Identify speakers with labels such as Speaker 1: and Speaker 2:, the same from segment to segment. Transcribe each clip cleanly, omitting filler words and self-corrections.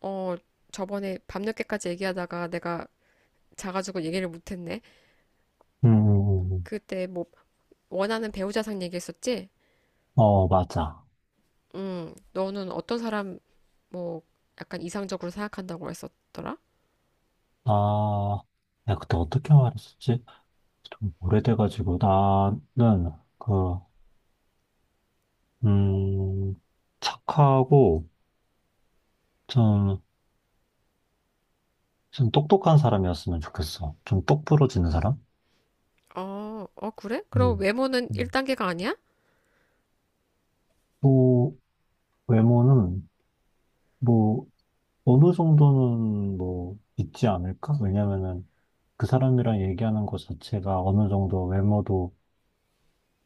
Speaker 1: 어, 저번에 밤늦게까지 얘기하다가 내가 자가지고 얘기를 못했네.
Speaker 2: 음, 음, 음.
Speaker 1: 그때 뭐 원하는 배우자상 얘기했었지?
Speaker 2: 어, 맞아.
Speaker 1: 응, 너는 어떤 사람 뭐 약간 이상적으로 생각한다고 했었더라?
Speaker 2: 아, 야, 그때 어떻게 말했었지? 좀 오래돼가지고, 나는, 그, 음, 착하고, 좀, 좀 똑똑한 사람이었으면 좋겠어. 좀 똑부러지는 사람?
Speaker 1: 어, 어, 그래? 그럼
Speaker 2: 음.
Speaker 1: 외모는
Speaker 2: 음.
Speaker 1: 1단계가 아니야?
Speaker 2: 또, 외모는, 뭐, 어느 정도는, 뭐, 있지 않을까? 왜냐면은, 그 사람이랑 얘기하는 것 자체가 어느 정도 외모도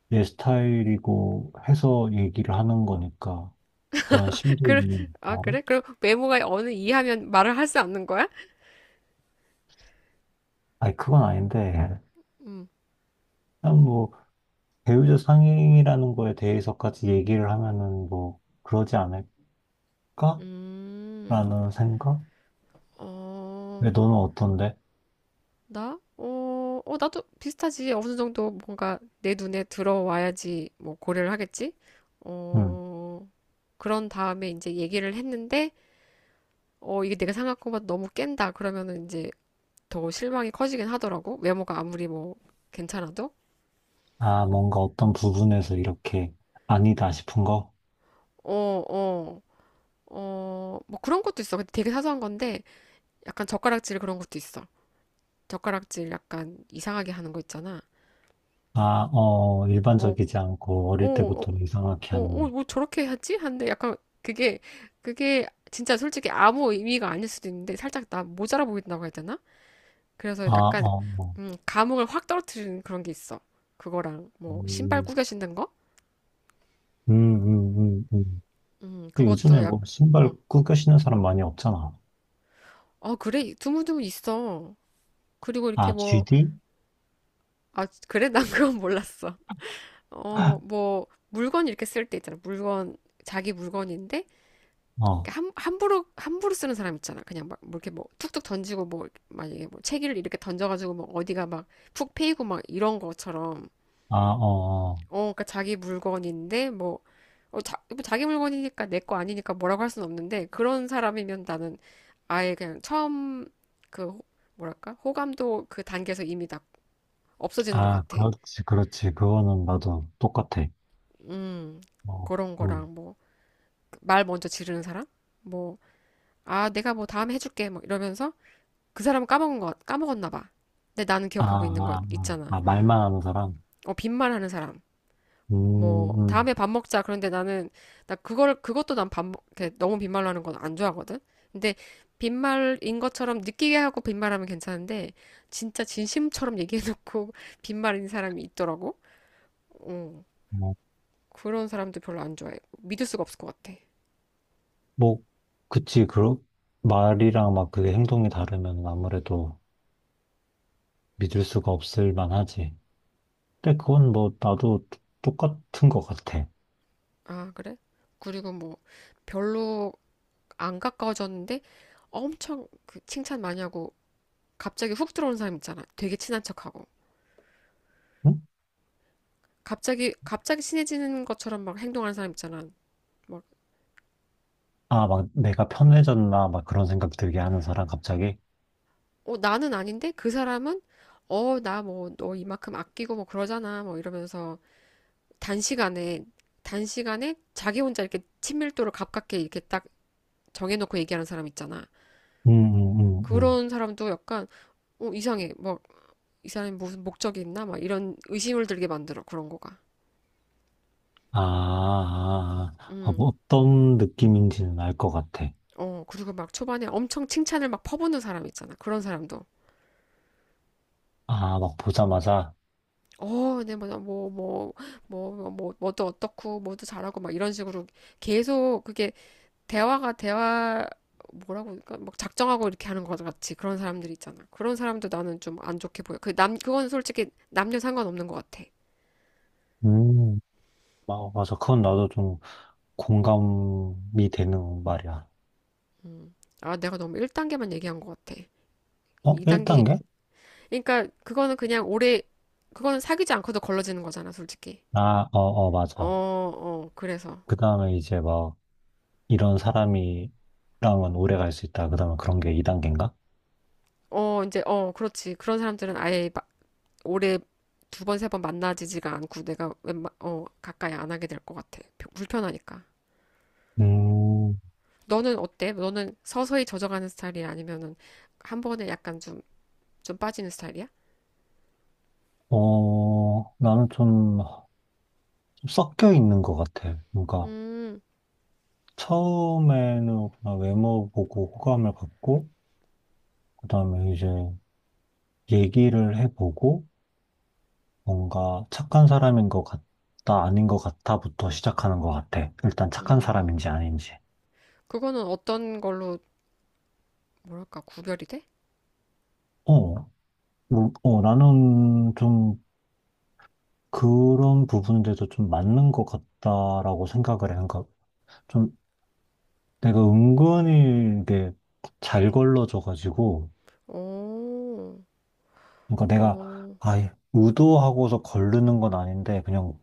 Speaker 2: 내 스타일이고 해서 얘기를 하는 거니까. 그런 심도
Speaker 1: 그,
Speaker 2: 있는
Speaker 1: 아,
Speaker 2: 말을?
Speaker 1: 그래? 그럼 외모가 어느 이하면 말을 할 수 없는 거야?
Speaker 2: 아니, 그건 아닌데,
Speaker 1: 음,
Speaker 2: 그냥 뭐, 배우자 상행이라는 거에 대해서까지 얘기를 하면은 뭐, 그러지 않을까?
Speaker 1: 음,
Speaker 2: 라는 생각?
Speaker 1: 어.
Speaker 2: 왜 너는 어떤데?
Speaker 1: 나? 어, 나도 비슷하지. 어느 정도 뭔가 내 눈에 들어와야지 뭐 고려를 하겠지?
Speaker 2: 응.
Speaker 1: 어, 그런 다음에 이제 얘기를 했는데, 어, 이게 내가 생각한 것보다 너무 깬다. 그러면은 이제 더 실망이 커지긴 하더라고. 외모가 아무리 뭐 괜찮아도.
Speaker 2: 아, 뭔가 어떤 부분에서 이렇게 아니다 싶은 거?
Speaker 1: 어, 어, 어, 뭐 그런 것도 있어. 근데 되게 사소한 건데, 약간 젓가락질 그런 것도 있어. 젓가락질 약간 이상하게 하는 거 있잖아.
Speaker 2: 아, 어,
Speaker 1: 어,
Speaker 2: 일반적이지 않고
Speaker 1: 어,
Speaker 2: 어릴
Speaker 1: 어,
Speaker 2: 때부터 이상하게
Speaker 1: 어,
Speaker 2: 하는,
Speaker 1: 뭐 저렇게 하지? 하는데 약간 그게, 그게 진짜 솔직히 아무 의미가 아닐 수도 있는데 살짝 나 모자라 보인다고 해야 되나?
Speaker 2: 아,
Speaker 1: 그래서 약간,
Speaker 2: 어, 뭐,
Speaker 1: 감흥을 확 떨어뜨리는 그런 게 있어. 그거랑 뭐 신발
Speaker 2: 음,
Speaker 1: 꾸겨 신는 거?
Speaker 2: 음, 음, 음, 음. 근데 요즘에
Speaker 1: 그것도 약,
Speaker 2: 뭐, 신발
Speaker 1: 어,
Speaker 2: 꾸겨 신는 사람 많이 없잖아.
Speaker 1: 어, 그래. 드문드문 있어. 그리고 이렇게
Speaker 2: 아,
Speaker 1: 뭐,
Speaker 2: GD?
Speaker 1: 아, 그래? 난 그건 몰랐어. 어, 뭐, 물건 이렇게 쓸 때 있잖아. 물건, 자기 물건인데
Speaker 2: 어,
Speaker 1: 그러니까 함, 함부로 함부로 쓰는 사람 있잖아. 그냥 막 뭐 이렇게 뭐 툭툭 던지고 뭐 만약에 뭐 책을 이렇게 던져가지고 뭐 어디가 막 푹 패이고 막 이런 것처럼
Speaker 2: 아, 어. 어.
Speaker 1: 어 그러니까 자기 물건인데 뭐 어, 자, 뭐 자기 물건이니까 내 거 아니니까 뭐라고 할 수는 없는데 그런 사람이면 나는 아예 그냥 처음 그 뭐랄까 호감도 그 단계에서 이미 다 없어지는 것
Speaker 2: 아,
Speaker 1: 같아.
Speaker 2: 그렇지, 그렇지. 그거는 맞아. 똑같아.
Speaker 1: 음
Speaker 2: 어,
Speaker 1: 그런
Speaker 2: 음.
Speaker 1: 거랑 뭐 말 먼저 지르는 사람 뭐 아 내가 뭐 다음에 해줄게 막 이러면서 그 사람은 까먹은 거, 까먹었나 봐. 근데 나는
Speaker 2: 아,
Speaker 1: 기억하고 있는 거
Speaker 2: 아, 아,
Speaker 1: 있잖아.
Speaker 2: 아, 말만 하는 사람?
Speaker 1: 어, 빈말하는 사람.
Speaker 2: 음,
Speaker 1: 뭐,
Speaker 2: 음.
Speaker 1: 다음에 밥 먹자. 그런데 나는, 나 그걸, 그것도 난 밥, 먹- 게 너무 빈말로 하는 건 안 좋아하거든? 근데 빈말인 것처럼 느끼게 하고 빈말하면 괜찮은데, 진짜 진심처럼 얘기해놓고 빈말인 사람이 있더라고. 어,
Speaker 2: 뭐,
Speaker 1: 그런 사람도 별로 안 좋아해. 믿을 수가 없을 것 같아.
Speaker 2: 뭐, 그치. 그러, 말이랑 막 그게 행동이 다르면 아무래도 믿을 수가 없을 만하지. 근데 그건 뭐, 나도 똑같은 것 같아.
Speaker 1: 아, 그래? 그리고 뭐, 별로 안 가까워졌는데, 엄청 그 칭찬 많이 하고 갑자기 훅 들어오는 사람 있잖아. 되게 친한 척하고.
Speaker 2: 응?
Speaker 1: 갑자기 친해지는 것처럼 막 행동하는 사람 있잖아. 막,
Speaker 2: 아, 막 내가 편해졌나? 막 그런 생각 들게 하는 사람 갑자기?
Speaker 1: 어, 나는 아닌데? 그 사람은, 어, 나 뭐, 너 이만큼 아끼고 뭐 그러잖아. 뭐 이러면서 단시간에, 단시간에 자기 혼자 이렇게 친밀도를 가깝게 이렇게 딱 정해놓고 얘기하는 사람 있잖아.
Speaker 2: 음, 음, 음, 음.
Speaker 1: 그런 사람도 약간, 어, 이상해. 뭐, 이 사람이 무슨 목적이 있나? 막 이런 의심을 들게 만들어. 그런 거가.
Speaker 2: 아, 아, 아, 아,
Speaker 1: 음.
Speaker 2: 뭐 어떤 느낌인지는 알 것 같아.
Speaker 1: 어, 그리고 막 초반에 엄청 칭찬을 막 퍼붓는 사람 있잖아. 그런 사람도.
Speaker 2: 아, 막 보자마자.
Speaker 1: 어, 네, 뭐, 뭐도 어떻고, 뭐도 잘하고, 막 이런 식으로 계속 그게 대화가 대화, 뭐라고, 그러니까 막 작정하고 이렇게 하는 것 같이 그런 사람들 있잖아. 그런 사람도 나는 좀 안 좋게 보여. 그 남, 그건 솔직히 남녀 상관없는 것 같아.
Speaker 2: 음, 아, 맞아. 그건 나도 좀 공감이 되는 말이야.
Speaker 1: 아, 내가 너무 1단계만 얘기한 것 같아.
Speaker 2: 어,
Speaker 1: 2단계,
Speaker 2: 1단계?
Speaker 1: 그러니까 그거는 그냥 오래, 그거는 사귀지 않고도 걸러지는 거잖아, 솔직히.
Speaker 2: 아, 어, 어,
Speaker 1: 어,
Speaker 2: 맞아.
Speaker 1: 어, 그래서.
Speaker 2: 그 다음에 이제 막 이런 사람이랑은 오래 갈 수 있다. 그 다음에 그런 게 2단계인가?
Speaker 1: 어, 이제, 어, 그렇지. 그런 사람들은 아예 마- 올해 두 번, 세 번 만나지지가 않고 내가 웬만, 어, 가까이 안 하게 될 것 같아. 불편하니까.
Speaker 2: 음,
Speaker 1: 너는 어때? 너는 서서히 젖어가는 스타일이야? 아니면은 한 번에 약간 좀, 좀 빠지는 스타일이야?
Speaker 2: 어, 나는 좀 섞여 있는 것 같아. 뭔가
Speaker 1: 음,
Speaker 2: 처음에는 그냥 외모 보고 호감을 갖고, 그 다음에 이제 얘기를 해보고, 뭔가 착한 사람인 것 같다, 아닌 것 같다부터 시작하는 것 같아. 일단 착한
Speaker 1: 음.
Speaker 2: 사람인지 아닌지.
Speaker 1: 그거는 어떤 걸로, 뭐랄까, 구별이 돼?
Speaker 2: 어, 뭐, 어, 나는 좀 그런 부분들도 좀 맞는 것 같다라고 생각을 해. 그러니까 좀 내가 은근히 이게 잘 걸러져가지고,
Speaker 1: 오,
Speaker 2: 그러니까 내가
Speaker 1: 오,
Speaker 2: 아예 의도하고서 걸르는 건 아닌데, 그냥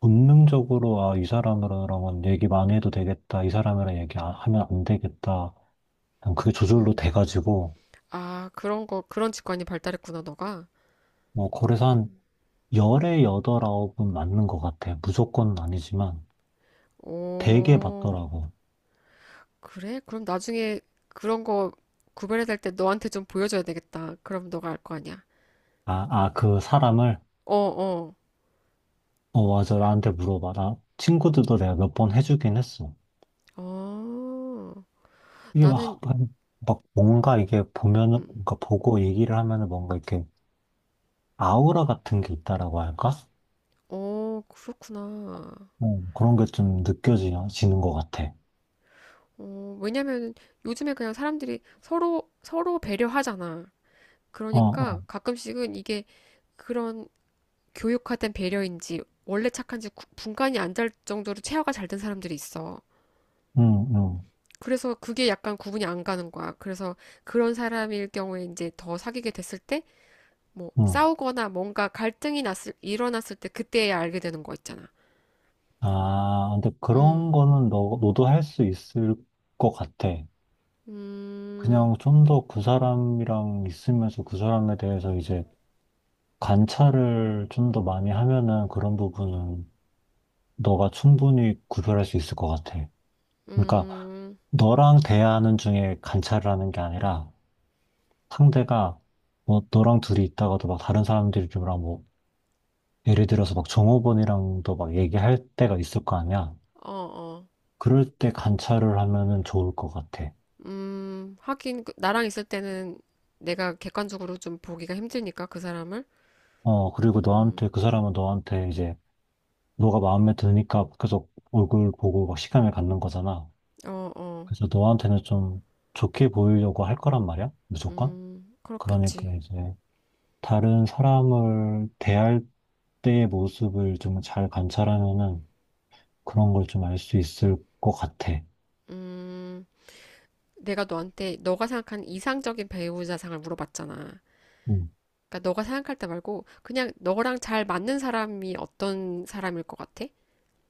Speaker 2: 본능적으로 아, 이 사람이랑은 얘기 많이 해도 되겠다, 이 사람이랑 얘기하면 안 하면 안 되겠다. 그냥 그게 저절로
Speaker 1: 음.
Speaker 2: 돼가지고,
Speaker 1: 아, 그런 거, 그런 직관이 발달했구나, 너가.
Speaker 2: 뭐, 그래서 한 열에 여덟 아홉은 맞는 것 같아. 무조건 아니지만 되게
Speaker 1: 오,
Speaker 2: 맞더라고.
Speaker 1: 그래? 그럼 나중에 그런 거 구별해야 될 때 너한테 좀 보여줘야 되겠다. 그럼 너가 알 거 아니야.
Speaker 2: 아, 아, 그 사람을,
Speaker 1: 어, 어.
Speaker 2: 어, 맞아. 나한테 물어봐. 나 친구들도 내가 몇 번 해주긴 했어.
Speaker 1: 아,
Speaker 2: 이게
Speaker 1: 나는,
Speaker 2: 막, 막, 막 뭔가 이게 보면은,
Speaker 1: 음,
Speaker 2: 뭔가 보고 얘기를 하면은 뭔가 이렇게 아우라 같은 게 있다라고 할까?
Speaker 1: 어, 그렇구나.
Speaker 2: 어, 그런 게 좀 느껴지는 것 같아.
Speaker 1: 어, 왜냐면 요즘에 그냥 사람들이 서로 배려하잖아.
Speaker 2: 어,
Speaker 1: 그러니까
Speaker 2: 어,
Speaker 1: 가끔씩은 이게 그런 교육화된 배려인지 원래 착한지 구- 분간이 안 될 정도로 체화가 잘 된 사람들이 있어.
Speaker 2: 응, 응,
Speaker 1: 그래서 그게 약간 구분이 안 가는 거야. 그래서 그런 사람일 경우에 이제 더 사귀게 됐을 때, 뭐,
Speaker 2: 응.
Speaker 1: 싸우거나 뭔가 갈등이 났을, 일어났을 때 그때야 알게 되는 거 있잖아.
Speaker 2: 아, 근데 그런
Speaker 1: 음.
Speaker 2: 거는 너도 할 수 있을 것 같아.
Speaker 1: 음,
Speaker 2: 그냥 좀 더 그 사람이랑 있으면서 그 사람에 대해서 이제 관찰을 좀 더 많이 하면은 그런 부분은 너가 충분히 구별할 수 있을 것 같아. 그러니까
Speaker 1: 음,
Speaker 2: 너랑 대화하는 중에 관찰을 하는 게 아니라 상대가 뭐 너랑 둘이 있다가도 막 다른 사람들이랑 뭐 예를 들어서 막 종업원이랑도 막 얘기할 때가 있을 거 아니야.
Speaker 1: 어, 어.
Speaker 2: 그럴 때 관찰을 하면은 좋을 것 같아.
Speaker 1: 하긴, 그- 나랑 있을 때는 내가 객관적으로 좀 보기가 힘드니까, 그 사람을.
Speaker 2: 어, 그리고
Speaker 1: 음,
Speaker 2: 너한테 그 사람은 너한테 이제 너가 마음에 드니까 계속 얼굴 보고 막 시간을 갖는 거잖아.
Speaker 1: 어, 어.
Speaker 2: 그래서 너한테는 좀 좋게 보이려고 할 거란 말이야, 무조건. 그러니까
Speaker 1: 그렇겠지.
Speaker 2: 이제 다른 사람을 대할 때의 모습을 좀 잘 관찰하면은 그런 걸 좀 알 수 있을 것 같아.
Speaker 1: 음, 내가 너한테, 너가 생각하는 이상적인 배우자상을 물어봤잖아.
Speaker 2: 음.
Speaker 1: 그러니까 너가 생각할 때 말고, 그냥 너랑 잘 맞는 사람이 어떤 사람일 것 같아?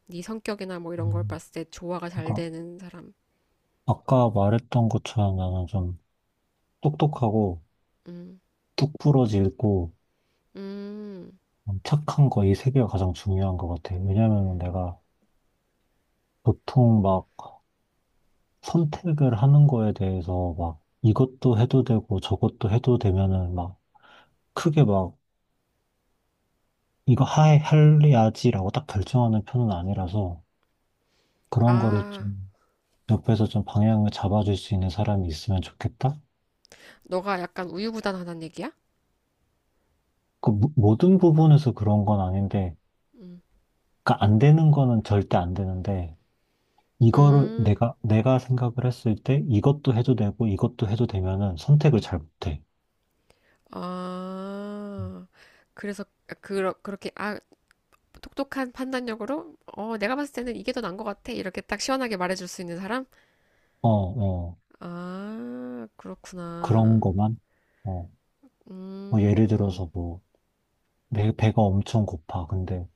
Speaker 1: 네 성격이나 뭐 이런 걸
Speaker 2: 음.
Speaker 1: 봤을 때 조화가 잘
Speaker 2: 그러니까
Speaker 1: 되는 사람.
Speaker 2: 아까 말했던 것처럼 나는 좀 똑똑하고
Speaker 1: 음,
Speaker 2: 뚝 부러지고
Speaker 1: 음,
Speaker 2: 착한 거 이 세 개가 가장 중요한 것 같아. 왜냐면은 내가 보통 막 선택을 하는 거에 대해서 막 이것도 해도 되고 저것도 해도 되면은 막 크게 막 이거 하 할래야지라고 딱 결정하는 편은 아니라서 그런 거를
Speaker 1: 아.
Speaker 2: 좀 옆에서 좀 방향을 잡아줄 수 있는 사람이 있으면 좋겠다?
Speaker 1: 너가 약간 우유부단하다는 얘기야?
Speaker 2: 모든 부분에서 그런 건 아닌데
Speaker 1: 음.
Speaker 2: 그러니까 안 되는 거는 절대 안 되는데 이거를
Speaker 1: 음,
Speaker 2: 내가 생각을 했을 때 이것도 해도 되고 이것도 해도 되면은 선택을 잘 못해.
Speaker 1: 아, 그래서 그러, 그렇게 아, 똑똑한 판단력으로 어, 내가 봤을 때는 이게 더 나은 것 같아. 이렇게 딱 시원하게 말해줄 수 있는 사람?
Speaker 2: 어, 어.
Speaker 1: 아,
Speaker 2: 그런
Speaker 1: 그렇구나.
Speaker 2: 거만 어. 뭐 예를
Speaker 1: 음,
Speaker 2: 들어서 뭐 배가 엄청 고파. 근데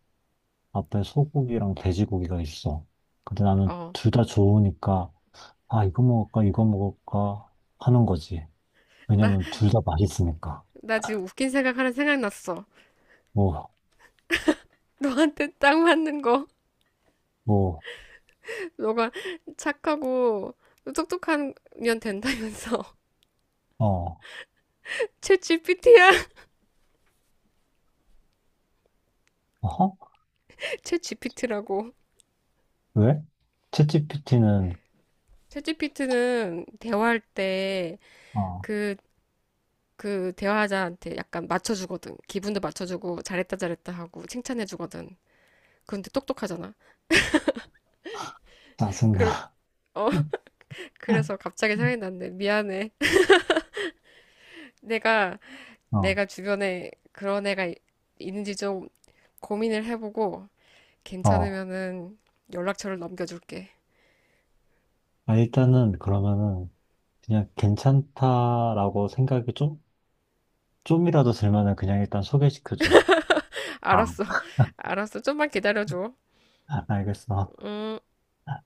Speaker 2: 앞에 소고기랑 돼지고기가 있어. 근데 나는
Speaker 1: 어,
Speaker 2: 둘 다 좋으니까, 아, 이거 먹을까, 이거 먹을까 하는 거지.
Speaker 1: 나,
Speaker 2: 왜냐면 둘 다 맛있으니까.
Speaker 1: 나 지금 웃긴 생각 하나 생각났어.
Speaker 2: 뭐,
Speaker 1: 너한테 딱 맞는 거.
Speaker 2: 뭐,
Speaker 1: 너가 착하고 똑똑한 년 된다면서.
Speaker 2: 어,
Speaker 1: 챗GPT야.
Speaker 2: 어허?
Speaker 1: 챗GPT라고.
Speaker 2: 왜? 챗GPT는,
Speaker 1: 챗지피트는 대화할 때
Speaker 2: 어,
Speaker 1: 그, 그 대화자한테 약간 맞춰주거든. 기분도 맞춰주고 잘했다 잘했다 하고 칭찬해주거든. 그런데 똑똑하잖아. 그,
Speaker 2: 짜증나.
Speaker 1: 어, 그래서 갑자기 생각이 났네. 미안해. 내가,
Speaker 2: 어,
Speaker 1: 내가 주변에 그런 애가 이- 있는지 좀 고민을 해보고
Speaker 2: 어.
Speaker 1: 괜찮으면은 연락처를 넘겨줄게.
Speaker 2: 아, 일단은 그러면은 그냥 괜찮다라고 생각이 좀, 좀이라도 들면은 그냥 일단 소개시켜줘. 아,
Speaker 1: 알았어. 알았어. 좀만 기다려줘.
Speaker 2: 알겠어.
Speaker 1: 음.